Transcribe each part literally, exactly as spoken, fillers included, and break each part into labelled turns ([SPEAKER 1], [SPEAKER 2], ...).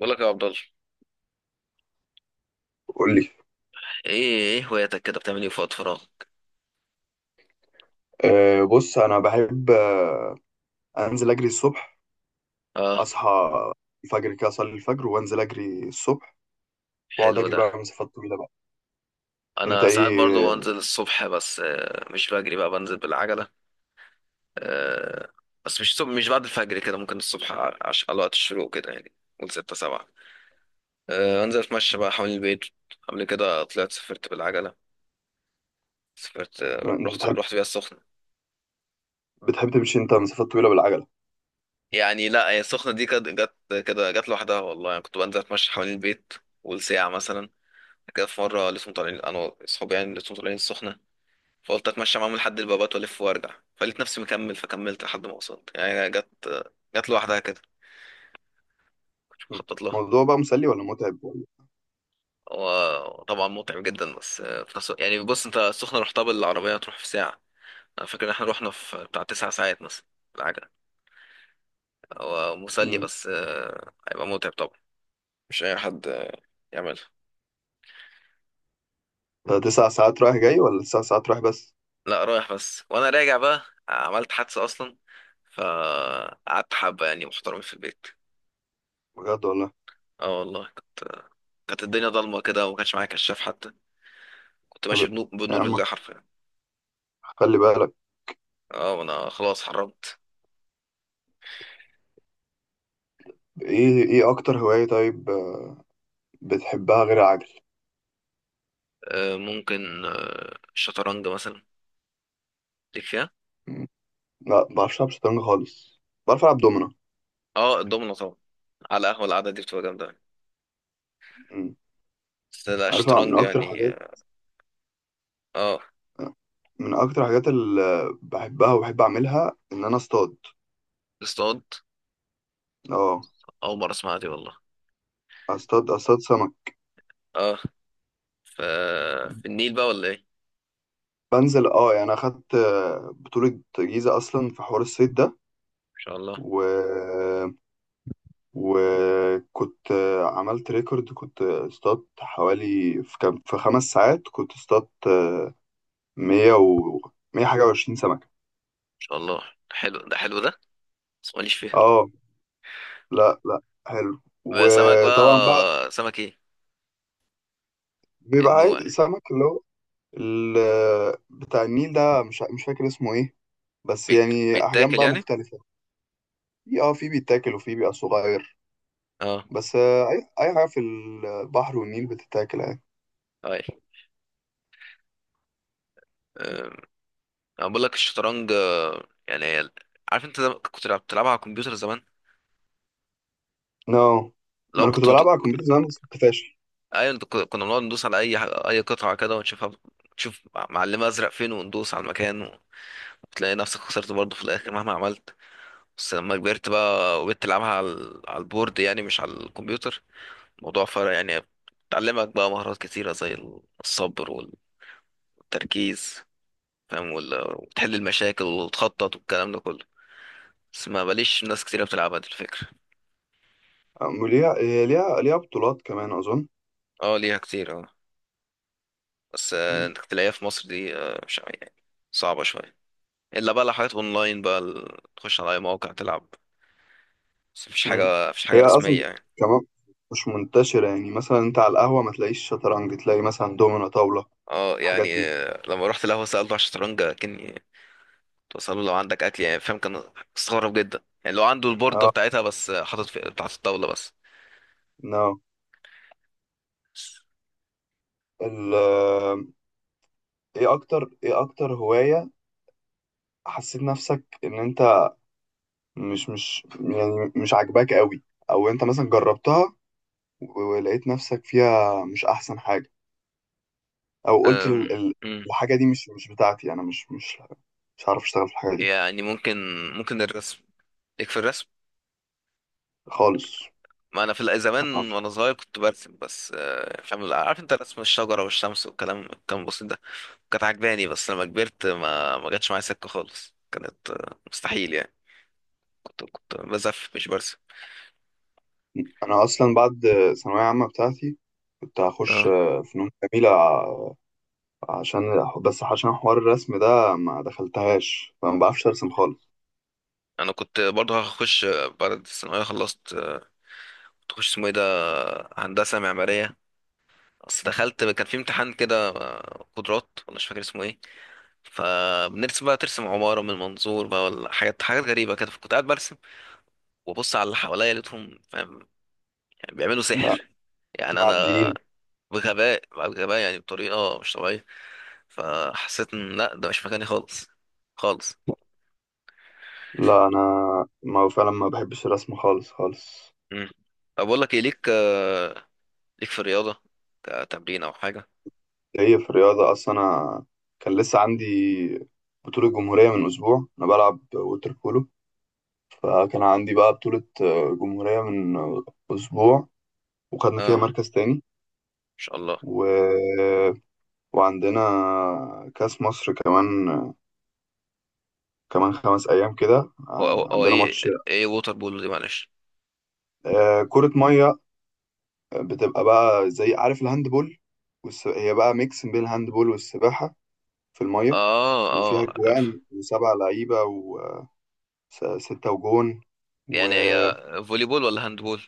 [SPEAKER 1] بقول لك يا عبد الله.
[SPEAKER 2] قول لي.
[SPEAKER 1] ايه ايه هواياتك كده بتعمل ايه في وقت فراغ؟
[SPEAKER 2] أه بص انا بحب آه، انزل اجري الصبح.
[SPEAKER 1] اه،
[SPEAKER 2] اصحى الفجر كده، اصلي الفجر وانزل اجري الصبح، واقعد
[SPEAKER 1] حلو
[SPEAKER 2] اجري
[SPEAKER 1] ده.
[SPEAKER 2] بقى مسافات طويله بقى. انت
[SPEAKER 1] انا ساعات برضو
[SPEAKER 2] ايه؟
[SPEAKER 1] بنزل الصبح بس آه، مش بجري بقى، بنزل بالعجله. آه، بس مش الصبح، مش بعد الفجر كده، ممكن الصبح ع- عش- على وقت الشروق كده يعني. قول ستة سبعة. آه، انزل اتمشى بقى حوالين البيت. قبل كده طلعت سافرت بالعجله. سافرت آه،
[SPEAKER 2] انت
[SPEAKER 1] رحت
[SPEAKER 2] بتحب
[SPEAKER 1] رحت بيها السخنه.
[SPEAKER 2] بتحب تمشي انت مسافات طويله بالعجله؟
[SPEAKER 1] يعني لا، هي السخنه دي كانت جت كده، جت لوحدها والله. يعني كنت بنزل اتمشى حوالين البيت والساعه مثلا كده، في مره لسه طالعين انا واصحابي، يعني لسه طالعين السخنه، فقلت اتمشى معاهم لحد البابات والف وارجع، فلقيت نفسي مكمل، فكملت لحد ما وصلت. يعني جت، جت لوحدها كده، كنت
[SPEAKER 2] م.
[SPEAKER 1] مخطط لها.
[SPEAKER 2] الموضوع بقى مسلي ولا متعب ولا؟
[SPEAKER 1] هو طبعا متعب جدا بس في نفس الوقت- يعني بص انت، السخنة رحتها بالعربية تروح في ساعة، انا فاكر ان احنا رحنا في بتاع تسع ساعات مثلا العجلة هو مسلي
[SPEAKER 2] م.
[SPEAKER 1] بس آه، هيبقى متعب طبعا. مش اي حد آه، يعملها.
[SPEAKER 2] ده تسع ساعات رايح جاي ولا تسع ساعات رايح بس؟
[SPEAKER 1] لا رايح بس، وانا راجع بقى عملت حادثة اصلا، فقعدت حبة يعني محترمين في البيت.
[SPEAKER 2] بجد والله.
[SPEAKER 1] اه والله، كانت كانت الدنيا ضلمة كده وما كانش معايا كشاف حتى، كنت
[SPEAKER 2] طب
[SPEAKER 1] ماشي بنو-
[SPEAKER 2] يا
[SPEAKER 1] بنور
[SPEAKER 2] عم،
[SPEAKER 1] الله حرفيا.
[SPEAKER 2] خلي بالك.
[SPEAKER 1] اه انا خلاص حرمت.
[SPEAKER 2] ايه ايه اكتر هوايه طيب، آه، بتحبها غير العجل؟
[SPEAKER 1] آه، ممكن آه، الشطرنج مثلا، ليك فيها؟
[SPEAKER 2] م. لا، ما بعرفش العب شطرنج خالص، بعرف العب دومنه.
[SPEAKER 1] اه، الدومنة طبعا على القهوة، القعدة دي بتبقى جامدة يعني.
[SPEAKER 2] م.
[SPEAKER 1] بس لا،
[SPEAKER 2] عارفها من
[SPEAKER 1] الشطرنج
[SPEAKER 2] اكتر
[SPEAKER 1] يعني
[SPEAKER 2] حاجات.
[SPEAKER 1] اه. آه،
[SPEAKER 2] من اكتر الحاجات اللي بحبها وبحب اعملها ان انا اصطاد.
[SPEAKER 1] اصطاد؟
[SPEAKER 2] اه.
[SPEAKER 1] أول مرة أسمعها دي والله.
[SPEAKER 2] اصطاد اصطاد سمك.
[SPEAKER 1] اه، ف في النيل بقى ولا إيه؟ إن
[SPEAKER 2] بنزل، اه يعني انا اخدت، آه، بطولة جيزة اصلا في حوار الصيد ده.
[SPEAKER 1] شاء الله. إن
[SPEAKER 2] و... وكنت، آه، عملت ريكورد. كنت اصطادت حوالي، في كام، في خمس ساعات كنت اصطادت مية و مية حاجة وعشرين سمكة.
[SPEAKER 1] شاء الله. حلو ده حلو ده، بس ماليش فيها.
[SPEAKER 2] اه. لا، لا. حلو،
[SPEAKER 1] بقى سمك،
[SPEAKER 2] وطبعا بقى
[SPEAKER 1] بقى سمك إيه؟
[SPEAKER 2] بيبقى
[SPEAKER 1] النوع
[SPEAKER 2] عايز
[SPEAKER 1] يعني.
[SPEAKER 2] سمك اللي هو ال- بتاع النيل ده، مش مش فاكر اسمه ايه، بس
[SPEAKER 1] بيت...
[SPEAKER 2] يعني احجام
[SPEAKER 1] بيتاكل
[SPEAKER 2] بقى
[SPEAKER 1] يعني؟
[SPEAKER 2] مختلفه. في اه في بيتاكل وفي بيبقى صغير.
[SPEAKER 1] اه،
[SPEAKER 2] بس آه، اي اي حاجه في البحر والنيل بتتاكل يعني.
[SPEAKER 1] أي. آه، انا بقول لك الشطرنج آه، يعني هي- عارف انت زم- كنت لعب- بتلعبها على الكمبيوتر زمان؟
[SPEAKER 2] نو، ما
[SPEAKER 1] لو
[SPEAKER 2] انا كنت
[SPEAKER 1] كنت
[SPEAKER 2] بلعبها على
[SPEAKER 1] بت-
[SPEAKER 2] الكمبيوتر زمان بس كنت فاشل.
[SPEAKER 1] ايوه، انت كنا كنا بنقعد ندوس على اي ح- اي قطعه كده ونشوفها، نشوف معلمه ازرق فين، وندوس على المكان و- وتلاقي نفسك خسرت برضه في الاخر مهما عملت. بس لما كبرت بقى وبقيت تلعبها على ال- على البورد يعني مش على الكمبيوتر، الموضوع فرق يعني، بتعلمك بقى مهارات كتيره زي ال- الصبر والتركيز، فاهم، وال- وتحل المشاكل وتخطط والكلام ده كله. بس ما بليش ناس كتيره بتلعبها، دي الفكره.
[SPEAKER 2] أم ليها، هي ليها ليها بطولات كمان اظن.
[SPEAKER 1] اه ليها كتير اه، بس آه،
[SPEAKER 2] مم.
[SPEAKER 1] انت تلاقيها في مصر دي آه، مش يعني صعبة شوية، الا بقى لو حاجات اونلاين بقى، ال- تخش على اي موقع تلعب. بس مفيش
[SPEAKER 2] مم.
[SPEAKER 1] حاجة، مفيش حاجة
[SPEAKER 2] هي اصلا
[SPEAKER 1] رسمية يعني.
[SPEAKER 2] كمان مش منتشره. يعني مثلا انت على القهوه ما تلاقيش شطرنج، تلاقي مثلا دومنة، طاوله،
[SPEAKER 1] اه
[SPEAKER 2] الحاجات
[SPEAKER 1] يعني
[SPEAKER 2] دي.
[SPEAKER 1] آه، لما رحت القهوة سألته على الشطرنج، كني له لو عندك اكل يعني، فاهم، كان استغرب جدا يعني، لو عنده البوردة
[SPEAKER 2] اه.
[SPEAKER 1] بتاعتها، بس آه، حاطط في بتاعت الطاولة بس.
[SPEAKER 2] نو، ال آه، ايه اكتر ايه اكتر هوايه حسيت نفسك ان انت مش مش يعني مش عاجباك قوي، او انت مثلا جربتها ولقيت نفسك فيها مش احسن حاجه، او قلت
[SPEAKER 1] أم،
[SPEAKER 2] ال... ال...
[SPEAKER 1] أم.
[SPEAKER 2] الحاجه دي مش مش بتاعتي، انا مش مش مش عارف اشتغل في الحاجه دي
[SPEAKER 1] يعني ممكن، ممكن الرسم، ليك في الرسم؟
[SPEAKER 2] خالص؟
[SPEAKER 1] ما انا في ال-
[SPEAKER 2] ما
[SPEAKER 1] زمان
[SPEAKER 2] أعرف.
[SPEAKER 1] وانا صغير كنت برسم، بس آه، فاهم، عارف انت، رسم الشجرة والشمس والكلام كان بسيط ده، كانت عجباني. بس لما كبرت ما ما جاتش معايا سكة خالص، كانت آه، مستحيل يعني، كنت كنت بزف مش برسم.
[SPEAKER 2] انا اصلا بعد ثانويه عامه بتاعتي كنت هخش
[SPEAKER 1] اه
[SPEAKER 2] فنون جميله ع- عشان، بس عشان حوار الرسم ده ما دخلتهاش، فما بعرفش ارسم خالص.
[SPEAKER 1] انا كنت برضه هخش آه، بعد الثانويه خلصت، آه، كنت اخش اسمه ايه ده، آه، هندسه معماريه. بس دخلت كان في امتحان كده، آه، قدرات ولا مش فاكر اسمه ايه، فبنرسم بقى، ترسم عماره من منظور بقى ولا حاجات حاجات غريبه كده. فكنت قاعد برسم وابص على اللي حواليا، لقيتهم فاهم يعني بيعملوا
[SPEAKER 2] لا.
[SPEAKER 1] سحر يعني. انا
[SPEAKER 2] معديين.
[SPEAKER 1] بغباء بقى، بغباء يعني، بطريقة مش طبيعية، فحسيت ان لا، ده مش مكاني خالص، خالص.
[SPEAKER 2] لا، انا ما فعلا ما بحبش الرسم خالص خالص.
[SPEAKER 1] مم. طب بقول لك ايه، ليك آه، ليك في الرياضة كتمرين او حاجة؟
[SPEAKER 2] جاي في الرياضة أصلا. أنا كان لسه عندي بطولة جمهورية من أسبوع، أنا بلعب ووتر بولو. فكان عندي بقى بطولة، آه، جمهورية من، آه، أسبوع. وخدنا فيها
[SPEAKER 1] اه، ان
[SPEAKER 2] مركز تاني.
[SPEAKER 1] شاء الله.
[SPEAKER 2] و... وعندنا كأس مصر كمان، كمان خمس أيام كده.
[SPEAKER 1] هو هو,
[SPEAKER 2] آه،
[SPEAKER 1] هو
[SPEAKER 2] عندنا
[SPEAKER 1] ايه،
[SPEAKER 2] ماتش.
[SPEAKER 1] ايه ووتر بول دي، معلش؟
[SPEAKER 2] آه، كرة مية، بتبقى بقى زي، عارف، الهاندبول. والس... هي بقى ميكس بين الهاندبول والسباحة في المية.
[SPEAKER 1] اه
[SPEAKER 2] وفيها
[SPEAKER 1] اه عارف.
[SPEAKER 2] جوان وسبع لعيبة، س- ستة وجون و
[SPEAKER 1] يعني هي فولي بول ولا هاند بول؟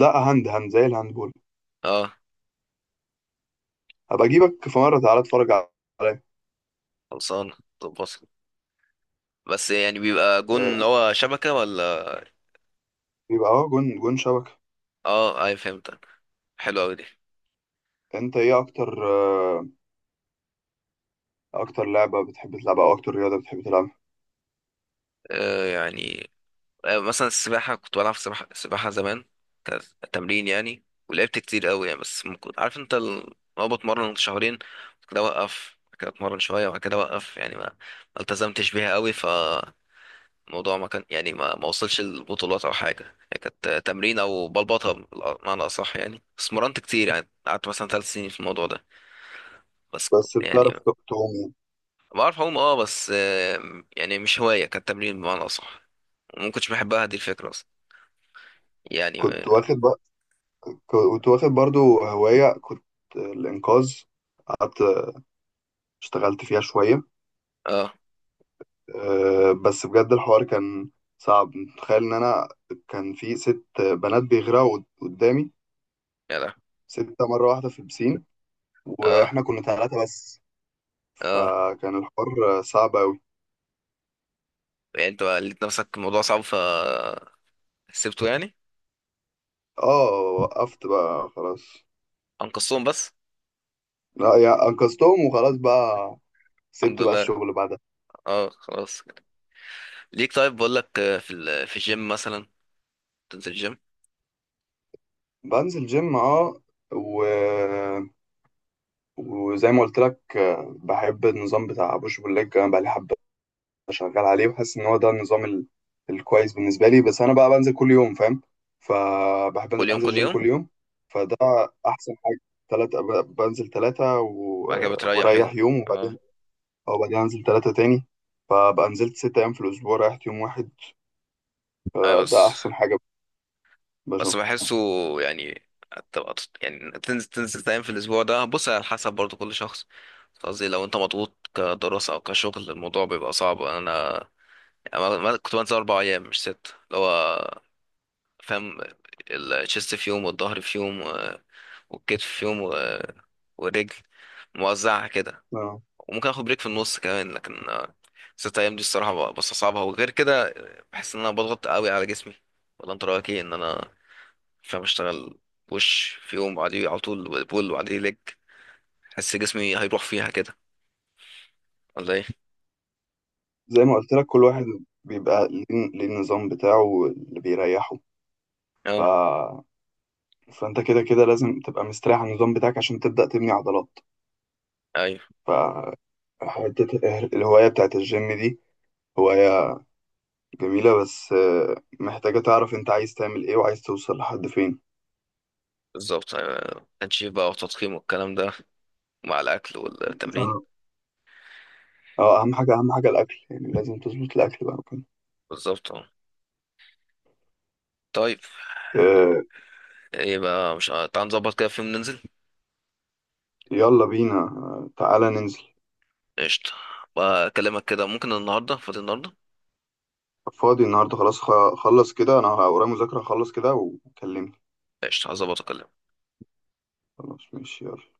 [SPEAKER 2] لا، هاند هاند زي الهاندبول.
[SPEAKER 1] اه
[SPEAKER 2] هبقى اجيبك في مرة، تعالى اتفرج عليا.
[SPEAKER 1] خلصان، طب وصل. بس يعني بيبقى جون
[SPEAKER 2] آه،
[SPEAKER 1] اللي هو شبكة ولا؟
[SPEAKER 2] يبقى اه جون جون شبكة.
[SPEAKER 1] اه اي فهمتك، حلو قوي دي.
[SPEAKER 2] انت ايه اكتر آه، اكتر لعبة بتحب تلعبها، او اكتر رياضة بتحب تلعبها؟
[SPEAKER 1] آه يعني آه، مثلا السباحة، كنت بلعب سباحة سباحة زمان كتمرين يعني، ولعبت كتير قوي يعني. بس ممكن عارف انت ال- لو بتمرن شهرين بعد كده اوقف، بعد كده اتمرن شوية وبعد كده اوقف، يعني ما ما التزمتش بيها قوي فالموضوع ما كان يعني ما ما وصلش للبطولات او حاجة. يعني كانت تمرين او بلبطة بمعنى اصح يعني، بس مرنت كتير يعني، قعدت مثلا ثلاث سنين في الموضوع ده. بس ك-
[SPEAKER 2] بس
[SPEAKER 1] يعني
[SPEAKER 2] بتعرف ت- تعوم يعني.
[SPEAKER 1] بعرف اعوم اه، بس آه، يعني مش هواية، كانت تمرين بمعنى اصح، وما كنتش بحبها دي الفكرة اصلا يعني.
[SPEAKER 2] كنت واخد بقى كنت واخد برضو هواية، كنت الانقاذ. قعدت اشتغلت فيها شوية.
[SPEAKER 1] اه
[SPEAKER 2] آه، بس بجد الحوار كان صعب. تخيل ان انا كان في ست بنات بيغرقوا قد- قدامي.
[SPEAKER 1] يا لا،
[SPEAKER 2] ستة مرة واحدة في البسين،
[SPEAKER 1] اه
[SPEAKER 2] واحنا كنا ثلاثة بس.
[SPEAKER 1] اه.
[SPEAKER 2] فكان الحوار صعب أوي.
[SPEAKER 1] يعني انت بقى لقيت نفسك الموضوع صعب فسيبته يعني؟
[SPEAKER 2] اه، وقفت بقى خلاص.
[SPEAKER 1] انقذتهم بس؟
[SPEAKER 2] لا، يعني أنقذتهم وخلاص بقى،
[SPEAKER 1] الحمد
[SPEAKER 2] سبت بقى
[SPEAKER 1] لله.
[SPEAKER 2] الشغل بعدها.
[SPEAKER 1] اه خلاص. ليك طيب؟ بقول لك آه، في ال... في الجيم مثلا، تنزل الجيم؟
[SPEAKER 2] بنزل جيم، اه. و... وزي ما قلت لك، بحب النظام بتاع بوش بول ليج. انا بقى لي حبه شغال عليه، وحاسس ان هو ده النظام ال... الكويس بالنسبه لي. بس انا بقى بنزل كل يوم، فاهم، فبحب
[SPEAKER 1] كل يوم
[SPEAKER 2] انزل
[SPEAKER 1] كل
[SPEAKER 2] جيم
[SPEAKER 1] يوم؟
[SPEAKER 2] كل يوم. فده احسن حاجه. ثلاثة، بنزل ثلاثة و...
[SPEAKER 1] بعد كده بتريح يوم؟
[SPEAKER 2] وريح يوم.
[SPEAKER 1] اه.
[SPEAKER 2] أو بعدين أنزل تلاتة تاني. فبقى نزلت ست أيام في الأسبوع، ريحت يوم واحد.
[SPEAKER 1] ايوه
[SPEAKER 2] فده
[SPEAKER 1] بس،
[SPEAKER 2] أحسن حاجة
[SPEAKER 1] بس
[SPEAKER 2] بشوفها.
[SPEAKER 1] بحسه يعني هتبقى تط- يعني تنزل تنزل تايم في الاسبوع ده، بص على حسب برضو كل شخص، قصدي لو انت مضغوط كدراسة او كشغل الموضوع بيبقى صعب. انا أنا ما- ما- كنت بنزل اربع ايام مش ست، اللي هو فاهم، الشيست في يوم والظهر في يوم و- والكتف في يوم و- والرجل، موزعها كده.
[SPEAKER 2] آه.
[SPEAKER 1] وممكن اخد بريك في النص كمان لكن آه، ست ايام دي الصراحه ب- بستصعبها، وغير كده بحس ان انا بضغط قوي على جسمي. ولا انت رايك ايه، ان انا فاهم اشتغل بوش في يوم بعديه على طول بول وبعديه ليج؟ حس جسمي هيروح فيها كده ولا ايه؟
[SPEAKER 2] زي ما قلت لك، كل واحد بيبقى ليه، ليه النظام بتاعه اللي بيريحه. ف...
[SPEAKER 1] اه
[SPEAKER 2] فأنت كده كده لازم تبقى مستريح على النظام بتاعك، عشان تبدأ تبني عضلات.
[SPEAKER 1] ايوه
[SPEAKER 2] فحتة الهواية بتاعت الجيم دي هواية جميلة. بس آه، محتاجة تعرف أنت عايز تعمل إيه وعايز توصل لحد فين.
[SPEAKER 1] بالظبط، أيوة. تنشيف بقى وتضخيم والكلام ده، مع الاكل والتمرين.
[SPEAKER 2] اه، آه، أهم حاجة أهم حاجة الأكل. يعني لازم تظبط الأكل بقى وكده.
[SPEAKER 1] بالظبط اه. طيب،
[SPEAKER 2] آه،
[SPEAKER 1] يبقى مش ع- تعال نظبط كده في يوم ننزل.
[SPEAKER 2] يلا بينا، آه، تعالى ننزل.
[SPEAKER 1] قشطة. بكلمك كده، ممكن النهاردة، فاضي النهاردة؟
[SPEAKER 2] فاضي النهارده؟ خلاص، خ- خلص كده. انا ورايا مذاكرة، خلص كده وكلمني.
[SPEAKER 1] قشطة، هظبط اكلمك.
[SPEAKER 2] خلاص، ماشي، يلا.